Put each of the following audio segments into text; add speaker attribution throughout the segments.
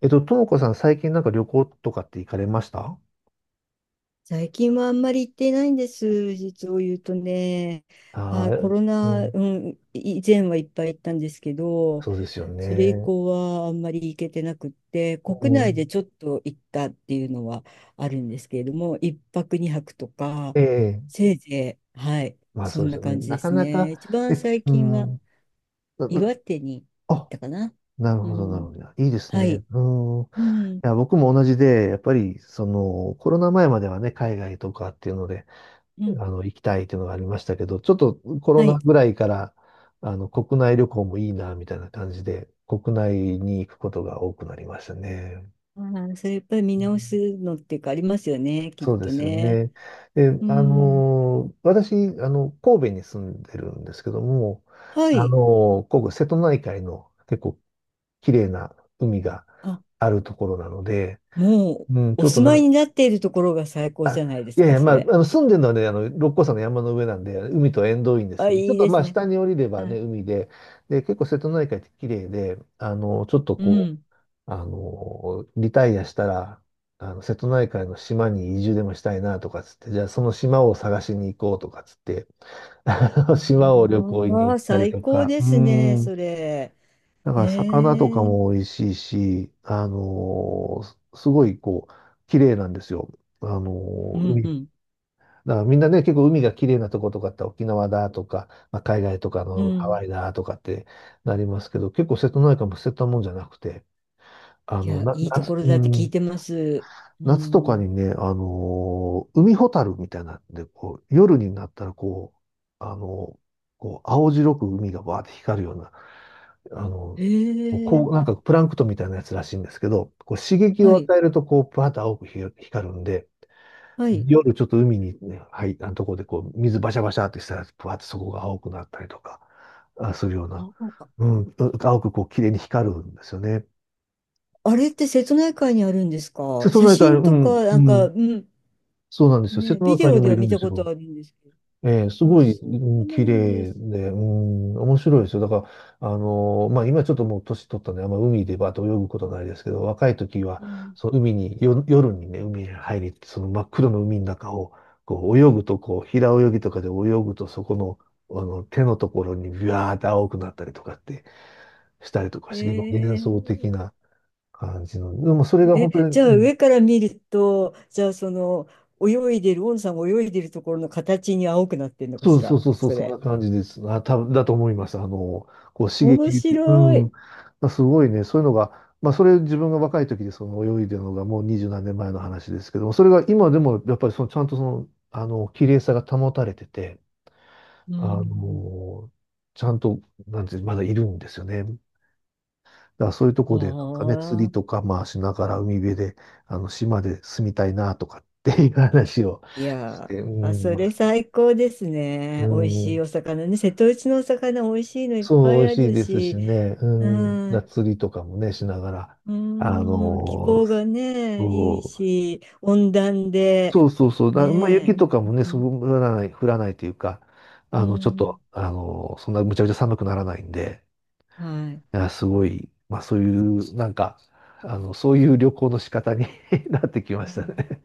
Speaker 1: ともこさん、最近なんか旅行とかって行かれました？
Speaker 2: 最近はあんまり行ってないんです、実を言うとね。
Speaker 1: ああ
Speaker 2: あ、コ
Speaker 1: ー、
Speaker 2: ロ
Speaker 1: う
Speaker 2: ナ、
Speaker 1: ん、
Speaker 2: 以前はいっぱい行ったんですけど、
Speaker 1: そうですよ
Speaker 2: それ以
Speaker 1: ね。
Speaker 2: 降はあんまり行けてなくって、
Speaker 1: う
Speaker 2: 国内で
Speaker 1: ん、
Speaker 2: ちょっと行ったっていうのはあるんですけれども、一泊二泊とか、
Speaker 1: ええ、
Speaker 2: せいぜい、はい、
Speaker 1: まあ
Speaker 2: そ
Speaker 1: そう
Speaker 2: ん
Speaker 1: です
Speaker 2: な
Speaker 1: よね。
Speaker 2: 感じ
Speaker 1: な
Speaker 2: で
Speaker 1: か
Speaker 2: す
Speaker 1: なか、
Speaker 2: ね。一
Speaker 1: え、
Speaker 2: 番最
Speaker 1: う
Speaker 2: 近は
Speaker 1: ん、なな
Speaker 2: 岩手に行っ
Speaker 1: あ、
Speaker 2: たかな。
Speaker 1: なる
Speaker 2: う
Speaker 1: ほど、なるほ
Speaker 2: ん、
Speaker 1: ど。いいです
Speaker 2: は
Speaker 1: ね。
Speaker 2: い、
Speaker 1: うん。い
Speaker 2: うん、
Speaker 1: や、僕も同じで、やっぱり、コロナ前まではね、海外とかっていうので、
Speaker 2: うん、
Speaker 1: 行きたいっていうのがありましたけど、ちょっとコロ
Speaker 2: は
Speaker 1: ナ
Speaker 2: い。
Speaker 1: ぐらいから、国内旅行もいいな、みたいな感じで、国内に行くことが多くなりましたね。
Speaker 2: あー、それやっぱり見
Speaker 1: う
Speaker 2: 直
Speaker 1: ん、
Speaker 2: すのっていうかありますよね、きっ
Speaker 1: そうで
Speaker 2: と
Speaker 1: すよ
Speaker 2: ね。
Speaker 1: ね。で、
Speaker 2: うん。
Speaker 1: 私、神戸に住んでるんですけども、
Speaker 2: はい。
Speaker 1: 神戸、瀬戸内海の結構綺麗な海が
Speaker 2: あ、
Speaker 1: あるところなので、
Speaker 2: もう
Speaker 1: うん、ち
Speaker 2: お
Speaker 1: ょっと
Speaker 2: 住まい
Speaker 1: な、
Speaker 2: になっているところが最高じ
Speaker 1: あ、
Speaker 2: ゃないで
Speaker 1: い
Speaker 2: す
Speaker 1: やい
Speaker 2: か、
Speaker 1: や、
Speaker 2: そ
Speaker 1: まあ、
Speaker 2: れ。
Speaker 1: 住んでるのはね、六甲山の山の上なんで、海と縁遠いんです
Speaker 2: あ、
Speaker 1: けど、ちょ
Speaker 2: い
Speaker 1: っ
Speaker 2: い
Speaker 1: と
Speaker 2: で
Speaker 1: ま
Speaker 2: す
Speaker 1: あ、
Speaker 2: ね。
Speaker 1: 下に降りれば
Speaker 2: は
Speaker 1: ね、
Speaker 2: い。
Speaker 1: 海で、で、結構瀬戸内海って綺麗で、あの、ちょっと
Speaker 2: う
Speaker 1: こ
Speaker 2: ん。
Speaker 1: う、あの、リタイアしたら、瀬戸内海の島に移住でもしたいなとかつって、じゃあその島を探しに行こうとかつって、島を旅行に
Speaker 2: あ
Speaker 1: 行
Speaker 2: あ、
Speaker 1: ったり
Speaker 2: 最
Speaker 1: と
Speaker 2: 高
Speaker 1: か、
Speaker 2: で
Speaker 1: う
Speaker 2: すね、
Speaker 1: ん、
Speaker 2: それ。
Speaker 1: だか
Speaker 2: へ
Speaker 1: ら魚とか
Speaker 2: え。
Speaker 1: も美味しいし、すごいこう、綺麗なんですよ。
Speaker 2: うん
Speaker 1: 海。
Speaker 2: うん。
Speaker 1: だからみんなね、結構海が綺麗なとことかって沖縄だとか、まあ、海外とか
Speaker 2: う
Speaker 1: のハ
Speaker 2: ん。
Speaker 1: ワイだとかってなりますけど、結構瀬戸内海も捨てたもんじゃなくて、
Speaker 2: いや、いいと
Speaker 1: 夏、
Speaker 2: ころ
Speaker 1: う
Speaker 2: だって聞い
Speaker 1: ん、
Speaker 2: てます。う
Speaker 1: 夏とか
Speaker 2: ん。
Speaker 1: にね、海ホタルみたいなんで、こう、夜になったら、う、あのー青白く海がバーって光るような、あの
Speaker 2: へえ。
Speaker 1: なんかプランクトンみたいなやつらしいんですけど、こう、刺激
Speaker 2: は
Speaker 1: を
Speaker 2: い。
Speaker 1: 与えると、こう、バーって青く光るんで、
Speaker 2: はい。
Speaker 1: 夜ちょっと海にね、入ったところで、こう、水バシャバシャってしたら、バーってそこが青くなったりとか、あ、するような、
Speaker 2: あ
Speaker 1: うん、青くこう、綺麗に光るんですよね。
Speaker 2: あれって瀬戸内海にあるんです
Speaker 1: 瀬
Speaker 2: か、
Speaker 1: 戸
Speaker 2: 写
Speaker 1: 内海、
Speaker 2: 真
Speaker 1: う
Speaker 2: と
Speaker 1: ん、
Speaker 2: か、
Speaker 1: うん、
Speaker 2: うん。
Speaker 1: そうなんですよ。瀬
Speaker 2: ね、
Speaker 1: 戸
Speaker 2: ビ
Speaker 1: 内
Speaker 2: デ
Speaker 1: 海に
Speaker 2: オ
Speaker 1: も
Speaker 2: で
Speaker 1: い
Speaker 2: は
Speaker 1: るん
Speaker 2: 見
Speaker 1: で
Speaker 2: た
Speaker 1: す
Speaker 2: こと
Speaker 1: よ。
Speaker 2: あるんですけど。
Speaker 1: ええ、す
Speaker 2: あ、
Speaker 1: ごい、
Speaker 2: そ
Speaker 1: う
Speaker 2: う
Speaker 1: ん、
Speaker 2: な
Speaker 1: 綺
Speaker 2: んで
Speaker 1: 麗
Speaker 2: す。
Speaker 1: で、うん、面白いですよ。だから、まあ、今ちょっともう年取ったんで、あんま海でバーッと泳ぐことないですけど、若い時
Speaker 2: う
Speaker 1: は、
Speaker 2: ん。
Speaker 1: その海に、夜にね、海に入り、その真っ黒の海の中を、こう、泳ぐと、こう、平泳ぎとかで泳ぐと、そこの、手のところにビワーって青くなったりとかってしたりとか
Speaker 2: え
Speaker 1: して、結構幻想
Speaker 2: ー、
Speaker 1: 的な感じの、でもそれが本
Speaker 2: え、
Speaker 1: 当に、
Speaker 2: じゃ
Speaker 1: う
Speaker 2: あ
Speaker 1: ん、
Speaker 2: 上から見ると、じゃあその泳いでる、オンさんが泳いでるところの形に青くなってんのか
Speaker 1: そ
Speaker 2: し
Speaker 1: うそ
Speaker 2: ら、
Speaker 1: うそうそう、
Speaker 2: そ
Speaker 1: そんな
Speaker 2: れ。
Speaker 1: 感じです。あ、多分だと思います。こう刺激
Speaker 2: 面
Speaker 1: って、う
Speaker 2: 白
Speaker 1: ん。
Speaker 2: い。
Speaker 1: まあ、すごいね、そういうのが、まあ、それ自分が若い時でその泳いでるのがもう二十何年前の話ですけども、それが今でもやっぱりそのちゃんとその、綺麗さが保たれてて、
Speaker 2: う
Speaker 1: あ
Speaker 2: ん。
Speaker 1: の、ちゃんと、なんていう、まだいるんですよね。だからそういうと
Speaker 2: あ
Speaker 1: こで、なんかね、釣りと
Speaker 2: あ、
Speaker 1: か、まあ、しながら海辺で、島で住みたいなとかっていう話を
Speaker 2: い
Speaker 1: し
Speaker 2: や
Speaker 1: て、う
Speaker 2: ー、あ、
Speaker 1: ん、
Speaker 2: そ
Speaker 1: ま
Speaker 2: れ
Speaker 1: あ、
Speaker 2: 最高です
Speaker 1: う
Speaker 2: ね。美味しい
Speaker 1: ん。
Speaker 2: お魚ね。瀬戸内のお魚美味しいのいっぱ
Speaker 1: そう、美
Speaker 2: い
Speaker 1: 味
Speaker 2: あ
Speaker 1: しい
Speaker 2: る
Speaker 1: ですし
Speaker 2: し。
Speaker 1: ね、う
Speaker 2: う
Speaker 1: ん、だ
Speaker 2: ん。
Speaker 1: 釣りとかもね、しながら、
Speaker 2: う
Speaker 1: あ
Speaker 2: ーん、気
Speaker 1: のー
Speaker 2: 候がね、いい
Speaker 1: そ
Speaker 2: し、温暖
Speaker 1: う、
Speaker 2: で、
Speaker 1: そうそうそう、だ、まあ、雪
Speaker 2: ね
Speaker 1: とかもね、
Speaker 2: え、う
Speaker 1: そ
Speaker 2: ん、
Speaker 1: う降らない、降らないというか、
Speaker 2: う
Speaker 1: あの、ちょっ
Speaker 2: ん、
Speaker 1: と、あのーそんなむちゃくちゃ寒くならないんで、
Speaker 2: はい。
Speaker 1: あ、すごい、まあ、そういう、なんか、そういう旅行の仕方に なってきま
Speaker 2: は
Speaker 1: し
Speaker 2: い、
Speaker 1: たね。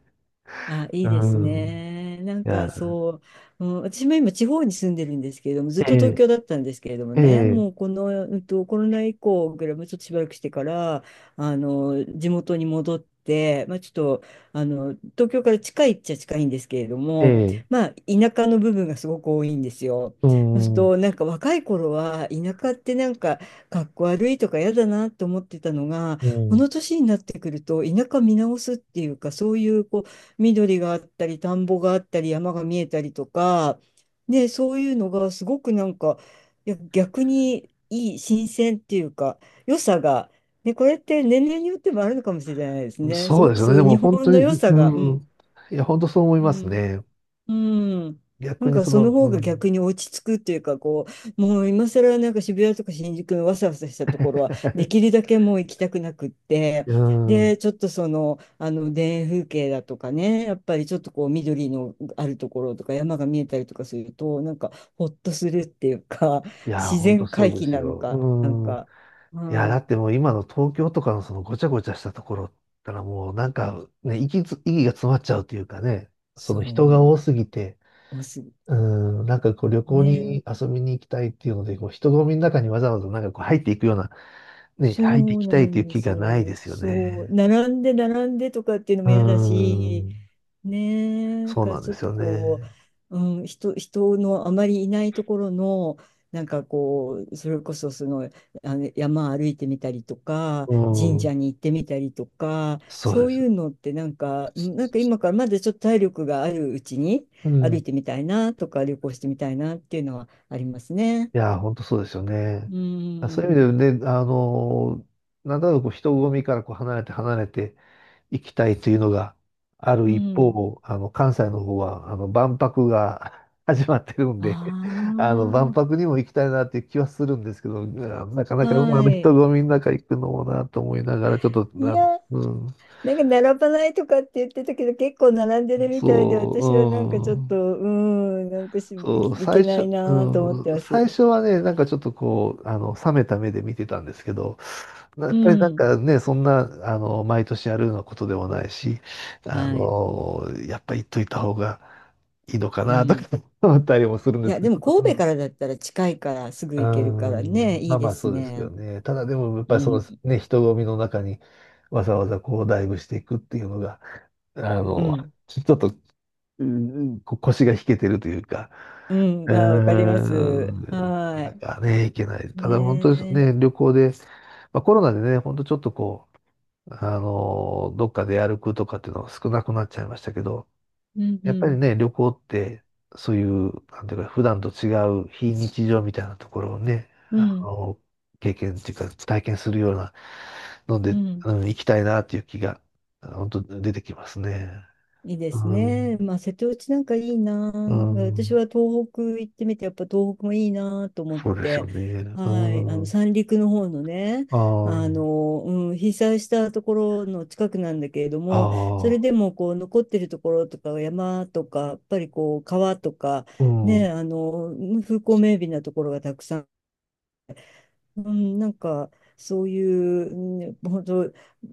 Speaker 2: あ、いい
Speaker 1: う
Speaker 2: です
Speaker 1: ん。
Speaker 2: ね。
Speaker 1: いや、
Speaker 2: うん、私も今地方に住んでるんですけれども、ずっ
Speaker 1: え
Speaker 2: と東
Speaker 1: え、
Speaker 2: 京だったんですけれども
Speaker 1: え
Speaker 2: ね、
Speaker 1: え、
Speaker 2: もうこの、コロナ以降ぐらい、もうちょっとしばらくしてから、地元に戻って、まあちょっと、東京から近いっちゃ近いんですけれど
Speaker 1: え
Speaker 2: も、
Speaker 1: え、
Speaker 2: まあ田舎の部分がすごく多いんですよ。
Speaker 1: う
Speaker 2: そうする
Speaker 1: ん、う
Speaker 2: と、若い頃は、田舎ってなんか、かっこ悪いとか嫌だなと思ってたのが、この年になってくると、田舎見直すっていうか、そういう、こう、緑があったり、田んぼがあったり、山が見えたりとか、ね、そういうのがすごくなんか、いや、逆にいい、新鮮っていうか、良さが、ね、これって年齢によってもあるのかもしれないです
Speaker 1: ん。
Speaker 2: ね。す
Speaker 1: そう
Speaker 2: ご
Speaker 1: で
Speaker 2: く
Speaker 1: すよね。
Speaker 2: そう
Speaker 1: で
Speaker 2: いう
Speaker 1: も
Speaker 2: 日
Speaker 1: 本
Speaker 2: 本
Speaker 1: 当
Speaker 2: の
Speaker 1: に、
Speaker 2: 良さが、う
Speaker 1: うん。
Speaker 2: ん、
Speaker 1: いや、本当そう思い
Speaker 2: う
Speaker 1: ます
Speaker 2: ん
Speaker 1: ね。
Speaker 2: うん。な
Speaker 1: 逆
Speaker 2: ん
Speaker 1: に
Speaker 2: か
Speaker 1: そ
Speaker 2: その
Speaker 1: の、う
Speaker 2: 方が
Speaker 1: ん。
Speaker 2: 逆に落ち着くっていうか、こう、もう今更なんか渋谷とか新宿のわさわさしたところはでき るだけもう行きたくなくって、
Speaker 1: うん。
Speaker 2: でちょっとその、あの田園風景だとかね、やっぱりちょっとこう緑のあるところとか山が見えたりとかするとなんかほっとするっていうか、
Speaker 1: い やー、
Speaker 2: 自
Speaker 1: ほんと
Speaker 2: 然
Speaker 1: そ
Speaker 2: 回
Speaker 1: うで
Speaker 2: 帰
Speaker 1: す
Speaker 2: なの
Speaker 1: よ。
Speaker 2: かなん
Speaker 1: うん。
Speaker 2: か、
Speaker 1: いやー、だ
Speaker 2: はい、
Speaker 1: ってもう今の東京とかのそのごちゃごちゃしたところったらもうなんかね、息が詰まっちゃうというかね、そ
Speaker 2: そ
Speaker 1: の人が
Speaker 2: う
Speaker 1: 多すぎて、
Speaker 2: おす
Speaker 1: うん、なんかこう旅行
Speaker 2: ね
Speaker 1: に遊びに行きたいっていうので、こう人混みの中にわざわざなんかこう入っていくような、ね、入って
Speaker 2: そ
Speaker 1: い
Speaker 2: う
Speaker 1: きた
Speaker 2: な
Speaker 1: いとい
Speaker 2: ん
Speaker 1: う
Speaker 2: で
Speaker 1: 気
Speaker 2: す
Speaker 1: がないで
Speaker 2: よ。
Speaker 1: すよ
Speaker 2: そう、
Speaker 1: ね。
Speaker 2: 並んで並んでとかっていうの
Speaker 1: う
Speaker 2: も嫌だし、
Speaker 1: ん。
Speaker 2: ねえ、なん
Speaker 1: そう
Speaker 2: か
Speaker 1: なん
Speaker 2: ち
Speaker 1: で
Speaker 2: ょっ
Speaker 1: す
Speaker 2: と
Speaker 1: よね。
Speaker 2: こう、うん、人のあまりいないところの、なんかこう、それこそその、あの山歩いてみたりとか、
Speaker 1: う
Speaker 2: 神
Speaker 1: ん。
Speaker 2: 社に行ってみたりとか、
Speaker 1: そう
Speaker 2: そ
Speaker 1: で
Speaker 2: う
Speaker 1: す。
Speaker 2: いうのってなんか、うん、なんか今からまだちょっと体力があるうちに
Speaker 1: う
Speaker 2: 歩い
Speaker 1: ん。
Speaker 2: てみたいなとか、旅行してみたいなっていうのはありますね。
Speaker 1: いやー、本当そうですよね。
Speaker 2: う
Speaker 1: あ、そういう
Speaker 2: ん、
Speaker 1: 意味でね、なんだろう、こう人混みからこう離れていきたいというのがある
Speaker 2: う
Speaker 1: 一
Speaker 2: ん。
Speaker 1: 方、関西の方はあの万博が 始まってるんで
Speaker 2: あ
Speaker 1: 万
Speaker 2: あ。
Speaker 1: 博にも行きたいなっていう気はするんですけど、あー、なかなかあ
Speaker 2: は
Speaker 1: の人
Speaker 2: い。
Speaker 1: 混みの中行くのもなと思いながら、ちょっと、
Speaker 2: いや、なんか並ばないとかって言ってたけど、結構並んでるみたいで、私はなんかちょ
Speaker 1: そ
Speaker 2: っ
Speaker 1: う、う
Speaker 2: と、
Speaker 1: ん。
Speaker 2: うーん、なんかし、い
Speaker 1: そ
Speaker 2: け
Speaker 1: う、
Speaker 2: いけ
Speaker 1: 最
Speaker 2: ない
Speaker 1: 初、
Speaker 2: なと思って
Speaker 1: うん、
Speaker 2: ます。
Speaker 1: 最初はね、なんかちょっとこう、冷めた目で見てたんですけど、や
Speaker 2: う
Speaker 1: っぱりなん
Speaker 2: ん。
Speaker 1: かね、そんな、毎年やるようなことでもないし、
Speaker 2: はい。
Speaker 1: やっぱ言っといた方がいいのか
Speaker 2: う
Speaker 1: な、とか
Speaker 2: ん。
Speaker 1: 思ったりもするん
Speaker 2: い
Speaker 1: です
Speaker 2: や、
Speaker 1: け
Speaker 2: で
Speaker 1: ど、
Speaker 2: も
Speaker 1: ちょっと、う
Speaker 2: 神戸
Speaker 1: ん、
Speaker 2: からだったら近いからすぐ
Speaker 1: うー
Speaker 2: 行けるからね、
Speaker 1: ん、
Speaker 2: い
Speaker 1: ま
Speaker 2: い
Speaker 1: あま
Speaker 2: で
Speaker 1: あ
Speaker 2: す
Speaker 1: そうですけど
Speaker 2: ね。
Speaker 1: ね。ただでも、やっぱ
Speaker 2: う
Speaker 1: りその
Speaker 2: ん。
Speaker 1: ね、人混みの中にわざわざこう、ダイブしていくっていうのが、あ
Speaker 2: う
Speaker 1: の、
Speaker 2: ん。
Speaker 1: ちょっと、うん、こ腰が引けてるというか、
Speaker 2: う
Speaker 1: う
Speaker 2: ん、あ、わかり
Speaker 1: ー
Speaker 2: ます。
Speaker 1: ん、
Speaker 2: は
Speaker 1: なかなかね、行けない。
Speaker 2: い。
Speaker 1: ただ本
Speaker 2: ね
Speaker 1: 当に
Speaker 2: え。
Speaker 1: ね、旅行で、まあ、コロナでね、本当ちょっとこう、あのどっかで歩くとかっていうのが少なくなっちゃいましたけど、
Speaker 2: うんう
Speaker 1: やっぱり
Speaker 2: ん。
Speaker 1: ね、旅行って、そういう、なんていうか、普段と違う非日常みたいなところをね、
Speaker 2: うん。
Speaker 1: 経験っていうか、体験するようなの
Speaker 2: う
Speaker 1: で、
Speaker 2: ん。
Speaker 1: うん、行きたいなっていう気が、本当出てきますね。
Speaker 2: いいで
Speaker 1: う
Speaker 2: す
Speaker 1: ん、
Speaker 2: ね。まあ、瀬戸内なんかいいな。
Speaker 1: う
Speaker 2: 私
Speaker 1: ん、
Speaker 2: は東北行ってみて、やっぱ東北もいいなと思っ
Speaker 1: そうですよ
Speaker 2: て、
Speaker 1: ね。
Speaker 2: はい、あ
Speaker 1: う
Speaker 2: の
Speaker 1: ん、
Speaker 2: 三陸の方のね、
Speaker 1: ああ。
Speaker 2: 被災したところの近くなんだけれど
Speaker 1: あ
Speaker 2: も、それ
Speaker 1: あ、
Speaker 2: でもこう残ってるところとか山とか、やっぱりこう川とか、
Speaker 1: うん、
Speaker 2: ね、あの、風光明媚なところがたくさん、うん、なんかそういう、うん、本当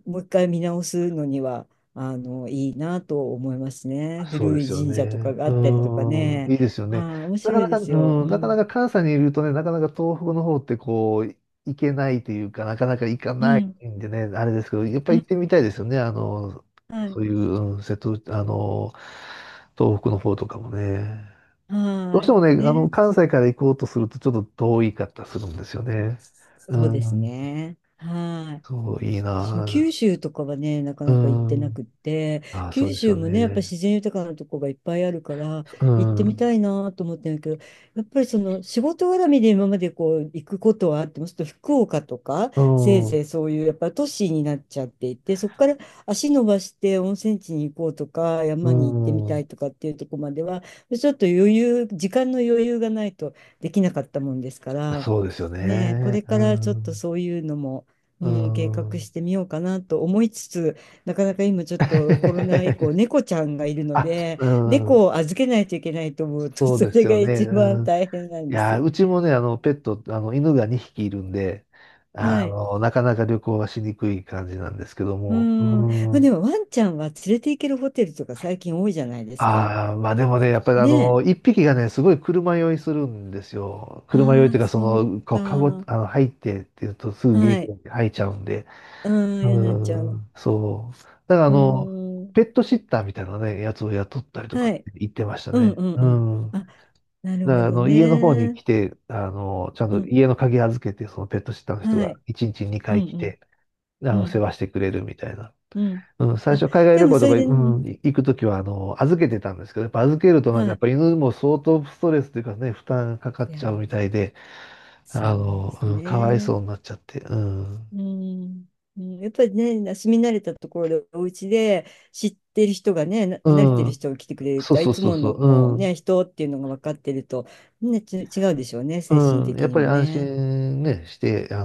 Speaker 2: もう一回見直すのにはあのいいなと思いますね。
Speaker 1: そう
Speaker 2: 古
Speaker 1: で
Speaker 2: い
Speaker 1: すよ
Speaker 2: 神社とか
Speaker 1: ね。
Speaker 2: があったりとか
Speaker 1: うん、
Speaker 2: ね。
Speaker 1: いいですよね。
Speaker 2: はい、面
Speaker 1: なか
Speaker 2: 白い
Speaker 1: な
Speaker 2: で
Speaker 1: か、
Speaker 2: すよ。
Speaker 1: うん、
Speaker 2: う
Speaker 1: なかな
Speaker 2: ん、
Speaker 1: か関西にいるとね、なかなか東北の方ってこう、行けないというか、なかなか行か
Speaker 2: う
Speaker 1: ない
Speaker 2: ん、
Speaker 1: んでね、あれですけど、やっぱ
Speaker 2: う
Speaker 1: り行
Speaker 2: ん、
Speaker 1: ってみたいですよね。
Speaker 2: はい、
Speaker 1: そういう、うん瀬戸、あの、東北の方とかもね。どうし
Speaker 2: は
Speaker 1: てもね、
Speaker 2: い、ね、
Speaker 1: 関西から行こうとするとちょっと遠いかったりするんですよね。う
Speaker 2: そうです
Speaker 1: ん、
Speaker 2: ね。はい。
Speaker 1: そう、いい
Speaker 2: 私も九
Speaker 1: な。
Speaker 2: 州とかはね、なか
Speaker 1: う
Speaker 2: なか行ってなく
Speaker 1: ん、
Speaker 2: って、
Speaker 1: ああ、そう
Speaker 2: 九
Speaker 1: です
Speaker 2: 州
Speaker 1: よ
Speaker 2: もね、やっぱ
Speaker 1: ね。
Speaker 2: 自然豊かなとこがいっぱいあるから、
Speaker 1: う
Speaker 2: 行ってみ
Speaker 1: ん。
Speaker 2: たいなと思ってるけど、やっぱりその仕事絡みで今までこう行くことはあっても、ちょっと福岡とか、
Speaker 1: う
Speaker 2: せい
Speaker 1: ん、
Speaker 2: ぜいそういうやっぱ都市になっちゃっていて、そこから足伸ばして温泉地に行こうとか、
Speaker 1: う
Speaker 2: 山に行ってみた
Speaker 1: ん、
Speaker 2: いとかっていうとこまでは、ちょっと余裕、時間の余裕がないとできなかったもんですから、
Speaker 1: そうですよ
Speaker 2: ねえ、こ
Speaker 1: ね。
Speaker 2: れからちょっとそういうのも、
Speaker 1: う
Speaker 2: うん、計
Speaker 1: ん、う
Speaker 2: 画し
Speaker 1: ん。
Speaker 2: てみようかなと思いつつ、なかなか今ちょっとコロナ以降、猫ちゃんがいるの
Speaker 1: あ、
Speaker 2: で、
Speaker 1: うん、
Speaker 2: 猫を預けないといけないと思うと、
Speaker 1: そう
Speaker 2: そ
Speaker 1: です
Speaker 2: れが
Speaker 1: よね。
Speaker 2: 一番
Speaker 1: うん。
Speaker 2: 大変なん
Speaker 1: い
Speaker 2: で
Speaker 1: や
Speaker 2: す。
Speaker 1: ー、うちもね、あの、ペット、あの、犬が2匹いるんで、
Speaker 2: はい。
Speaker 1: なかなか旅行はしにくい感じなんですけど
Speaker 2: う
Speaker 1: も。う
Speaker 2: ん。まあ、で
Speaker 1: ん。
Speaker 2: もワンちゃんは連れて行けるホテルとか最近多いじゃないですか。
Speaker 1: ああ、まあでもね、やっぱりあ
Speaker 2: ねえ。
Speaker 1: の、1匹がね、すごい車酔いするんですよ。車酔い
Speaker 2: あ
Speaker 1: という
Speaker 2: あ、
Speaker 1: か、そ
Speaker 2: そう
Speaker 1: の、こう、か
Speaker 2: か。
Speaker 1: あの、入ってっていうと、すぐ元
Speaker 2: は
Speaker 1: 気
Speaker 2: い。
Speaker 1: に吐いちゃうんで。
Speaker 2: うん、やなちゃ
Speaker 1: う
Speaker 2: ん。
Speaker 1: ん、そう。だから
Speaker 2: うん。
Speaker 1: ペットシッターみたいなね、やつを雇ったりとか
Speaker 2: は
Speaker 1: っ
Speaker 2: い。
Speaker 1: て言ってました
Speaker 2: うん
Speaker 1: ね。
Speaker 2: うんう
Speaker 1: う
Speaker 2: ん。
Speaker 1: ん。
Speaker 2: あ、なる
Speaker 1: だか
Speaker 2: ほ
Speaker 1: らあ
Speaker 2: ど
Speaker 1: の、家の方に
Speaker 2: ね。
Speaker 1: 来て、ちゃん
Speaker 2: う
Speaker 1: と
Speaker 2: ん。
Speaker 1: 家の鍵預けて、そのペットシッターの人
Speaker 2: は
Speaker 1: が
Speaker 2: い。
Speaker 1: 1日
Speaker 2: う
Speaker 1: 2
Speaker 2: ん
Speaker 1: 回来
Speaker 2: うん。
Speaker 1: て、
Speaker 2: う
Speaker 1: 世
Speaker 2: ん。
Speaker 1: 話してくれるみたいな。
Speaker 2: うん。
Speaker 1: うん。最
Speaker 2: あ、
Speaker 1: 初海外
Speaker 2: で
Speaker 1: 旅
Speaker 2: も
Speaker 1: 行
Speaker 2: そ
Speaker 1: とか、
Speaker 2: れ
Speaker 1: う
Speaker 2: で、うん、
Speaker 1: ん、行くときは、預けてたんですけど、やっぱ預けるとなんか
Speaker 2: は
Speaker 1: やっ
Speaker 2: い。
Speaker 1: ぱ犬も相当ストレスというかね、負担かかっ
Speaker 2: いや、
Speaker 1: ちゃうみたいで、
Speaker 2: そうです
Speaker 1: うん、かわいそ
Speaker 2: ね。
Speaker 1: うになっちゃって、うん。
Speaker 2: うん。うん、やっぱりね、住み慣れたところで、お家で知ってる人がね、
Speaker 1: う
Speaker 2: 慣れてる
Speaker 1: ん。
Speaker 2: 人が来てくれる
Speaker 1: そ
Speaker 2: と、
Speaker 1: う
Speaker 2: あ、い
Speaker 1: そう
Speaker 2: つ
Speaker 1: そう
Speaker 2: も
Speaker 1: そう。
Speaker 2: の
Speaker 1: う
Speaker 2: ね、
Speaker 1: ん。
Speaker 2: 人っていうのが分かってると、ね、違うでしょうね、精神
Speaker 1: うん、や
Speaker 2: 的
Speaker 1: っ
Speaker 2: に
Speaker 1: ぱり
Speaker 2: も
Speaker 1: 安
Speaker 2: ね。
Speaker 1: 心ね、して、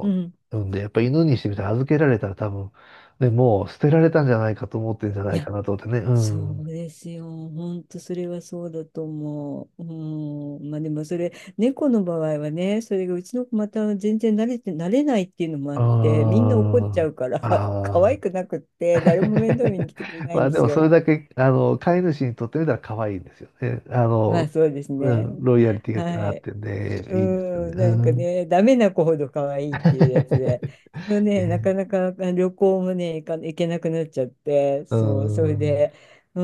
Speaker 2: うん。
Speaker 1: 産んで、やっぱり犬にしてみたら預けられたら多分、ね、もう捨てられたんじゃないかと思ってんじゃな
Speaker 2: い
Speaker 1: いか
Speaker 2: や、
Speaker 1: なと思ってね、う
Speaker 2: そ
Speaker 1: ん。
Speaker 2: う
Speaker 1: う
Speaker 2: ですよ。本当それはそうだと思う。うん。まあでもそれ、猫の場合はね、それがうちの子また全然慣れないっていうのもあって、みんな怒っちゃ
Speaker 1: ん。
Speaker 2: うから、
Speaker 1: あ
Speaker 2: 可
Speaker 1: あ。
Speaker 2: 愛くなくって、誰も面倒見に来てくれ ない
Speaker 1: ま
Speaker 2: ん
Speaker 1: あ
Speaker 2: で
Speaker 1: で
Speaker 2: す
Speaker 1: もそ
Speaker 2: よ。
Speaker 1: れだけ、飼い主にとってみたら可愛いんですよね。
Speaker 2: まあそうです
Speaker 1: う
Speaker 2: ね。
Speaker 1: ん、ロイヤリティが
Speaker 2: は
Speaker 1: あっ
Speaker 2: い。
Speaker 1: てん
Speaker 2: う
Speaker 1: で、いいですよね。
Speaker 2: ん、
Speaker 1: う
Speaker 2: なんか
Speaker 1: ん。
Speaker 2: ね、ダメな子ほど可愛いっていうやつで、その ね、な
Speaker 1: ね
Speaker 2: かなかあ旅行もね、行けなくなっちゃって、
Speaker 1: う
Speaker 2: そう、それ
Speaker 1: ん。
Speaker 2: で、う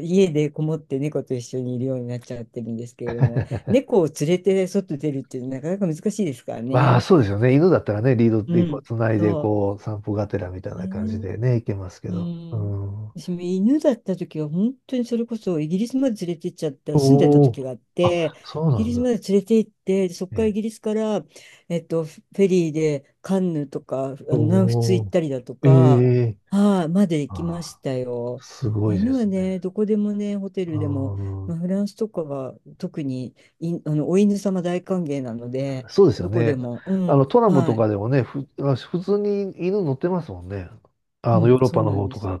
Speaker 2: ん、家でこもって猫と一緒にいるようになっちゃってるんですけれども、猫を連れて外出るっていうのはなかなか難しいですから
Speaker 1: まあ、
Speaker 2: ね。
Speaker 1: そうですよね。犬だったらね、リード
Speaker 2: う
Speaker 1: でこう、
Speaker 2: ん、
Speaker 1: 繋いで、
Speaker 2: そ
Speaker 1: こう、散歩がてらみたい
Speaker 2: う。
Speaker 1: な感じ
Speaker 2: ね、
Speaker 1: でね、行けますけ
Speaker 2: う
Speaker 1: ど。う
Speaker 2: ん。
Speaker 1: ん。
Speaker 2: 私も犬だった時は本当にそれこそイギリスまで連れて行っちゃった、住んでた
Speaker 1: おお。
Speaker 2: 時があって、
Speaker 1: あ、そう
Speaker 2: イ
Speaker 1: な
Speaker 2: ギリ
Speaker 1: ん
Speaker 2: ス
Speaker 1: だ。
Speaker 2: まで連れて行って、そこ
Speaker 1: え
Speaker 2: からイ
Speaker 1: え。
Speaker 2: ギリスから、えっと、フェリーでカンヌとか、あ
Speaker 1: お
Speaker 2: の南仏行っ
Speaker 1: お。
Speaker 2: たりだと
Speaker 1: え
Speaker 2: か、
Speaker 1: え。
Speaker 2: はい、まで行きま
Speaker 1: あ
Speaker 2: し
Speaker 1: あ、
Speaker 2: たよ。
Speaker 1: すごいで
Speaker 2: 犬は
Speaker 1: すね。
Speaker 2: ね、どこでもね、ホテ
Speaker 1: う
Speaker 2: ルでも、ま
Speaker 1: ん。
Speaker 2: あ、フランスとかは特にい、あの、お犬様大歓迎なので、
Speaker 1: そうですよ
Speaker 2: どこで
Speaker 1: ね。
Speaker 2: も、うん、
Speaker 1: トラム
Speaker 2: は
Speaker 1: と
Speaker 2: い、
Speaker 1: かでもね、普通に犬乗ってますもんね。
Speaker 2: うん、
Speaker 1: ヨーロッ
Speaker 2: そ
Speaker 1: パ
Speaker 2: う
Speaker 1: の
Speaker 2: なん
Speaker 1: 方
Speaker 2: で
Speaker 1: とか
Speaker 2: す。
Speaker 1: だ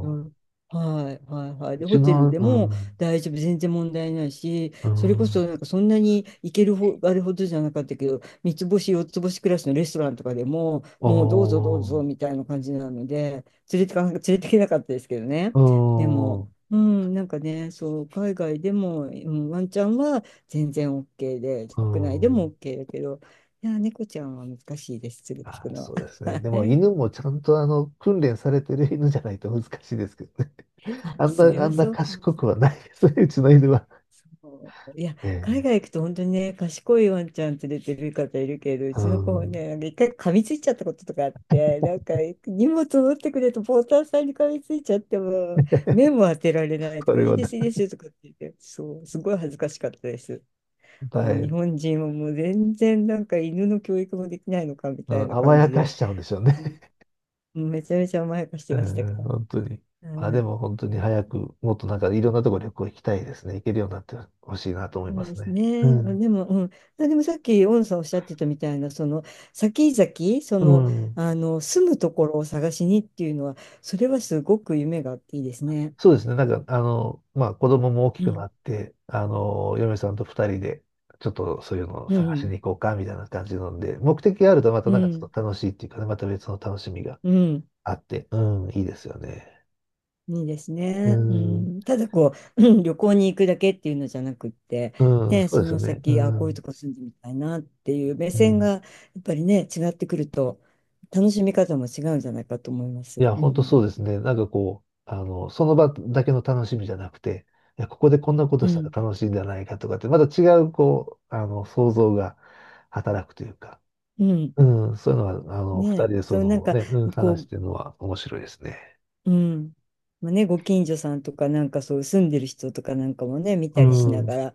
Speaker 2: うん、はいはいはい。
Speaker 1: うん。う
Speaker 2: で、
Speaker 1: ち
Speaker 2: ホテル
Speaker 1: の、
Speaker 2: で
Speaker 1: う
Speaker 2: も
Speaker 1: ん。
Speaker 2: 大丈夫、全然問題ないし、
Speaker 1: う
Speaker 2: それ
Speaker 1: ん。
Speaker 2: こそなんかそんなに行けるほあれほどじゃなかったけど、三つ星、四つ星クラスのレストランとかでも、
Speaker 1: お
Speaker 2: もうどうぞどうぞ
Speaker 1: お。
Speaker 2: みたいな感じなので、連れてけなかったですけどね。で
Speaker 1: う
Speaker 2: も、うん、なんかね、そう、海外でも、うん、ワンちゃんは全然 OK で、
Speaker 1: ん。
Speaker 2: 国内で
Speaker 1: う
Speaker 2: も
Speaker 1: ん。
Speaker 2: OK だけど、いや、猫ちゃんは難しいです、連れて
Speaker 1: あ
Speaker 2: く
Speaker 1: あ、
Speaker 2: のは。
Speaker 1: そうですね。で
Speaker 2: は
Speaker 1: も
Speaker 2: い、
Speaker 1: 犬もちゃんとあの訓練されてる犬じゃないと難しいですけどね。
Speaker 2: あ、それ
Speaker 1: あ
Speaker 2: は
Speaker 1: んな
Speaker 2: そうかも
Speaker 1: 賢
Speaker 2: しれな
Speaker 1: くは
Speaker 2: い。
Speaker 1: ないですね、うちの犬は。
Speaker 2: そういや、海
Speaker 1: ええ
Speaker 2: 外行くと本当にね、賢いワンちゃん連れてる方いるけど、う
Speaker 1: う
Speaker 2: ちの子
Speaker 1: ん。
Speaker 2: ね、なんか一回噛みついちゃったこととかあって、なんか荷物持ってくれとポーターさんに噛みついちゃっても、目も当てられな い
Speaker 1: そ
Speaker 2: とか、
Speaker 1: れ
Speaker 2: いい
Speaker 1: は
Speaker 2: で
Speaker 1: だ、
Speaker 2: す、いいですよとかって言って、そう、すごい恥ずかしかったです。も
Speaker 1: だ
Speaker 2: う日
Speaker 1: い、
Speaker 2: 本人はもう全然なんか犬の教育もできないのかみ
Speaker 1: う
Speaker 2: たい
Speaker 1: ん、
Speaker 2: な
Speaker 1: 甘
Speaker 2: 感
Speaker 1: や
Speaker 2: じ
Speaker 1: か
Speaker 2: で、
Speaker 1: しちゃうんでしょうね。
Speaker 2: うん、めちゃめちゃ甘やかし て
Speaker 1: う
Speaker 2: ましたか
Speaker 1: ん、
Speaker 2: ら。
Speaker 1: 本当に。まあ
Speaker 2: う
Speaker 1: で
Speaker 2: ん、
Speaker 1: も本当に早く、もっとなんかいろんなとこ旅行行きたいですね。行けるようになってほしいなと思い
Speaker 2: そ
Speaker 1: ま
Speaker 2: うで
Speaker 1: す
Speaker 2: す
Speaker 1: ね。う
Speaker 2: ね。あ、
Speaker 1: ん。
Speaker 2: でも、うん。あ、でもさっき、オンさんおっしゃってたみたいな、その、先々、そ
Speaker 1: う
Speaker 2: の、
Speaker 1: ん。
Speaker 2: あの、住むところを探しにっていうのは、それはすごく夢があっていいですね。
Speaker 1: そうですね。なんか、まあ、子供も大き
Speaker 2: う
Speaker 1: くな
Speaker 2: ん。
Speaker 1: って、嫁さんと二人で、ちょっとそういうのを
Speaker 2: う
Speaker 1: 探し
Speaker 2: ん。
Speaker 1: に行こうか、みたいな感じなので、目的があるとまた
Speaker 2: う
Speaker 1: なんかちょっ
Speaker 2: ん。
Speaker 1: と楽しいっていうかね、また別の楽しみが
Speaker 2: うん。
Speaker 1: あって、うん、いいですよね。
Speaker 2: いいです
Speaker 1: う
Speaker 2: ね。う
Speaker 1: ん、
Speaker 2: ん。ただ、こう、うん、旅行に行くだけっていうのじゃなくって、
Speaker 1: うん、
Speaker 2: ね、
Speaker 1: そう
Speaker 2: そ
Speaker 1: ですよ
Speaker 2: の
Speaker 1: ね。う
Speaker 2: 先、あ、こういうと
Speaker 1: ん、
Speaker 2: こ住んでみたいなっていう目
Speaker 1: う
Speaker 2: 線が、
Speaker 1: ん。
Speaker 2: やっぱりね、違ってくると、楽しみ方も違うんじゃないかと思いま
Speaker 1: い
Speaker 2: す。
Speaker 1: や、
Speaker 2: う
Speaker 1: 本当そ
Speaker 2: ん。
Speaker 1: うですね。なんかこう、その場だけの楽しみじゃなくて、いや、ここでこんなこと
Speaker 2: う
Speaker 1: したら
Speaker 2: ん。
Speaker 1: 楽しいんじゃないかとかって、また違う、こう、想像が働くというか、
Speaker 2: うん。
Speaker 1: うん、そういうのは、二
Speaker 2: ね
Speaker 1: 人
Speaker 2: え、
Speaker 1: でそ
Speaker 2: そう、なん
Speaker 1: の
Speaker 2: か、
Speaker 1: ね、うん、話し
Speaker 2: こ
Speaker 1: てるのは面白いですね。
Speaker 2: う、うん。まあね、ご近所さんとか、なんかそう、住んでる人とかなんかもね、見
Speaker 1: う
Speaker 2: たりしな
Speaker 1: ん、
Speaker 2: がら、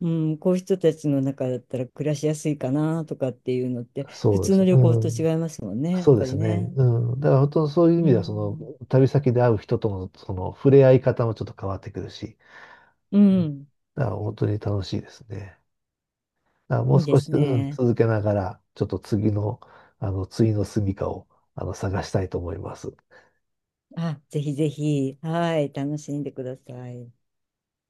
Speaker 2: うん、こういう人たちの中だったら暮らしやすいかなとかっていうのって、普
Speaker 1: そうで
Speaker 2: 通
Speaker 1: す
Speaker 2: の
Speaker 1: ね。
Speaker 2: 旅行
Speaker 1: う
Speaker 2: と
Speaker 1: ん、
Speaker 2: 違いますもんね、やっ
Speaker 1: そうで
Speaker 2: ぱり
Speaker 1: すね。
Speaker 2: ね。
Speaker 1: うん、だから本当そういう意
Speaker 2: う
Speaker 1: 味では、その、
Speaker 2: ん。
Speaker 1: 旅先で会う人との、その、触れ合い方もちょっと変わってくるし、
Speaker 2: うん。
Speaker 1: だから本当に楽しいですね。だからもう
Speaker 2: いいで
Speaker 1: 少し、
Speaker 2: す
Speaker 1: うん、
Speaker 2: ね。
Speaker 1: 続けながら、ちょっと次の、次の住処を、探したいと思います。
Speaker 2: あ、ぜひぜひ、はい、楽しんでください。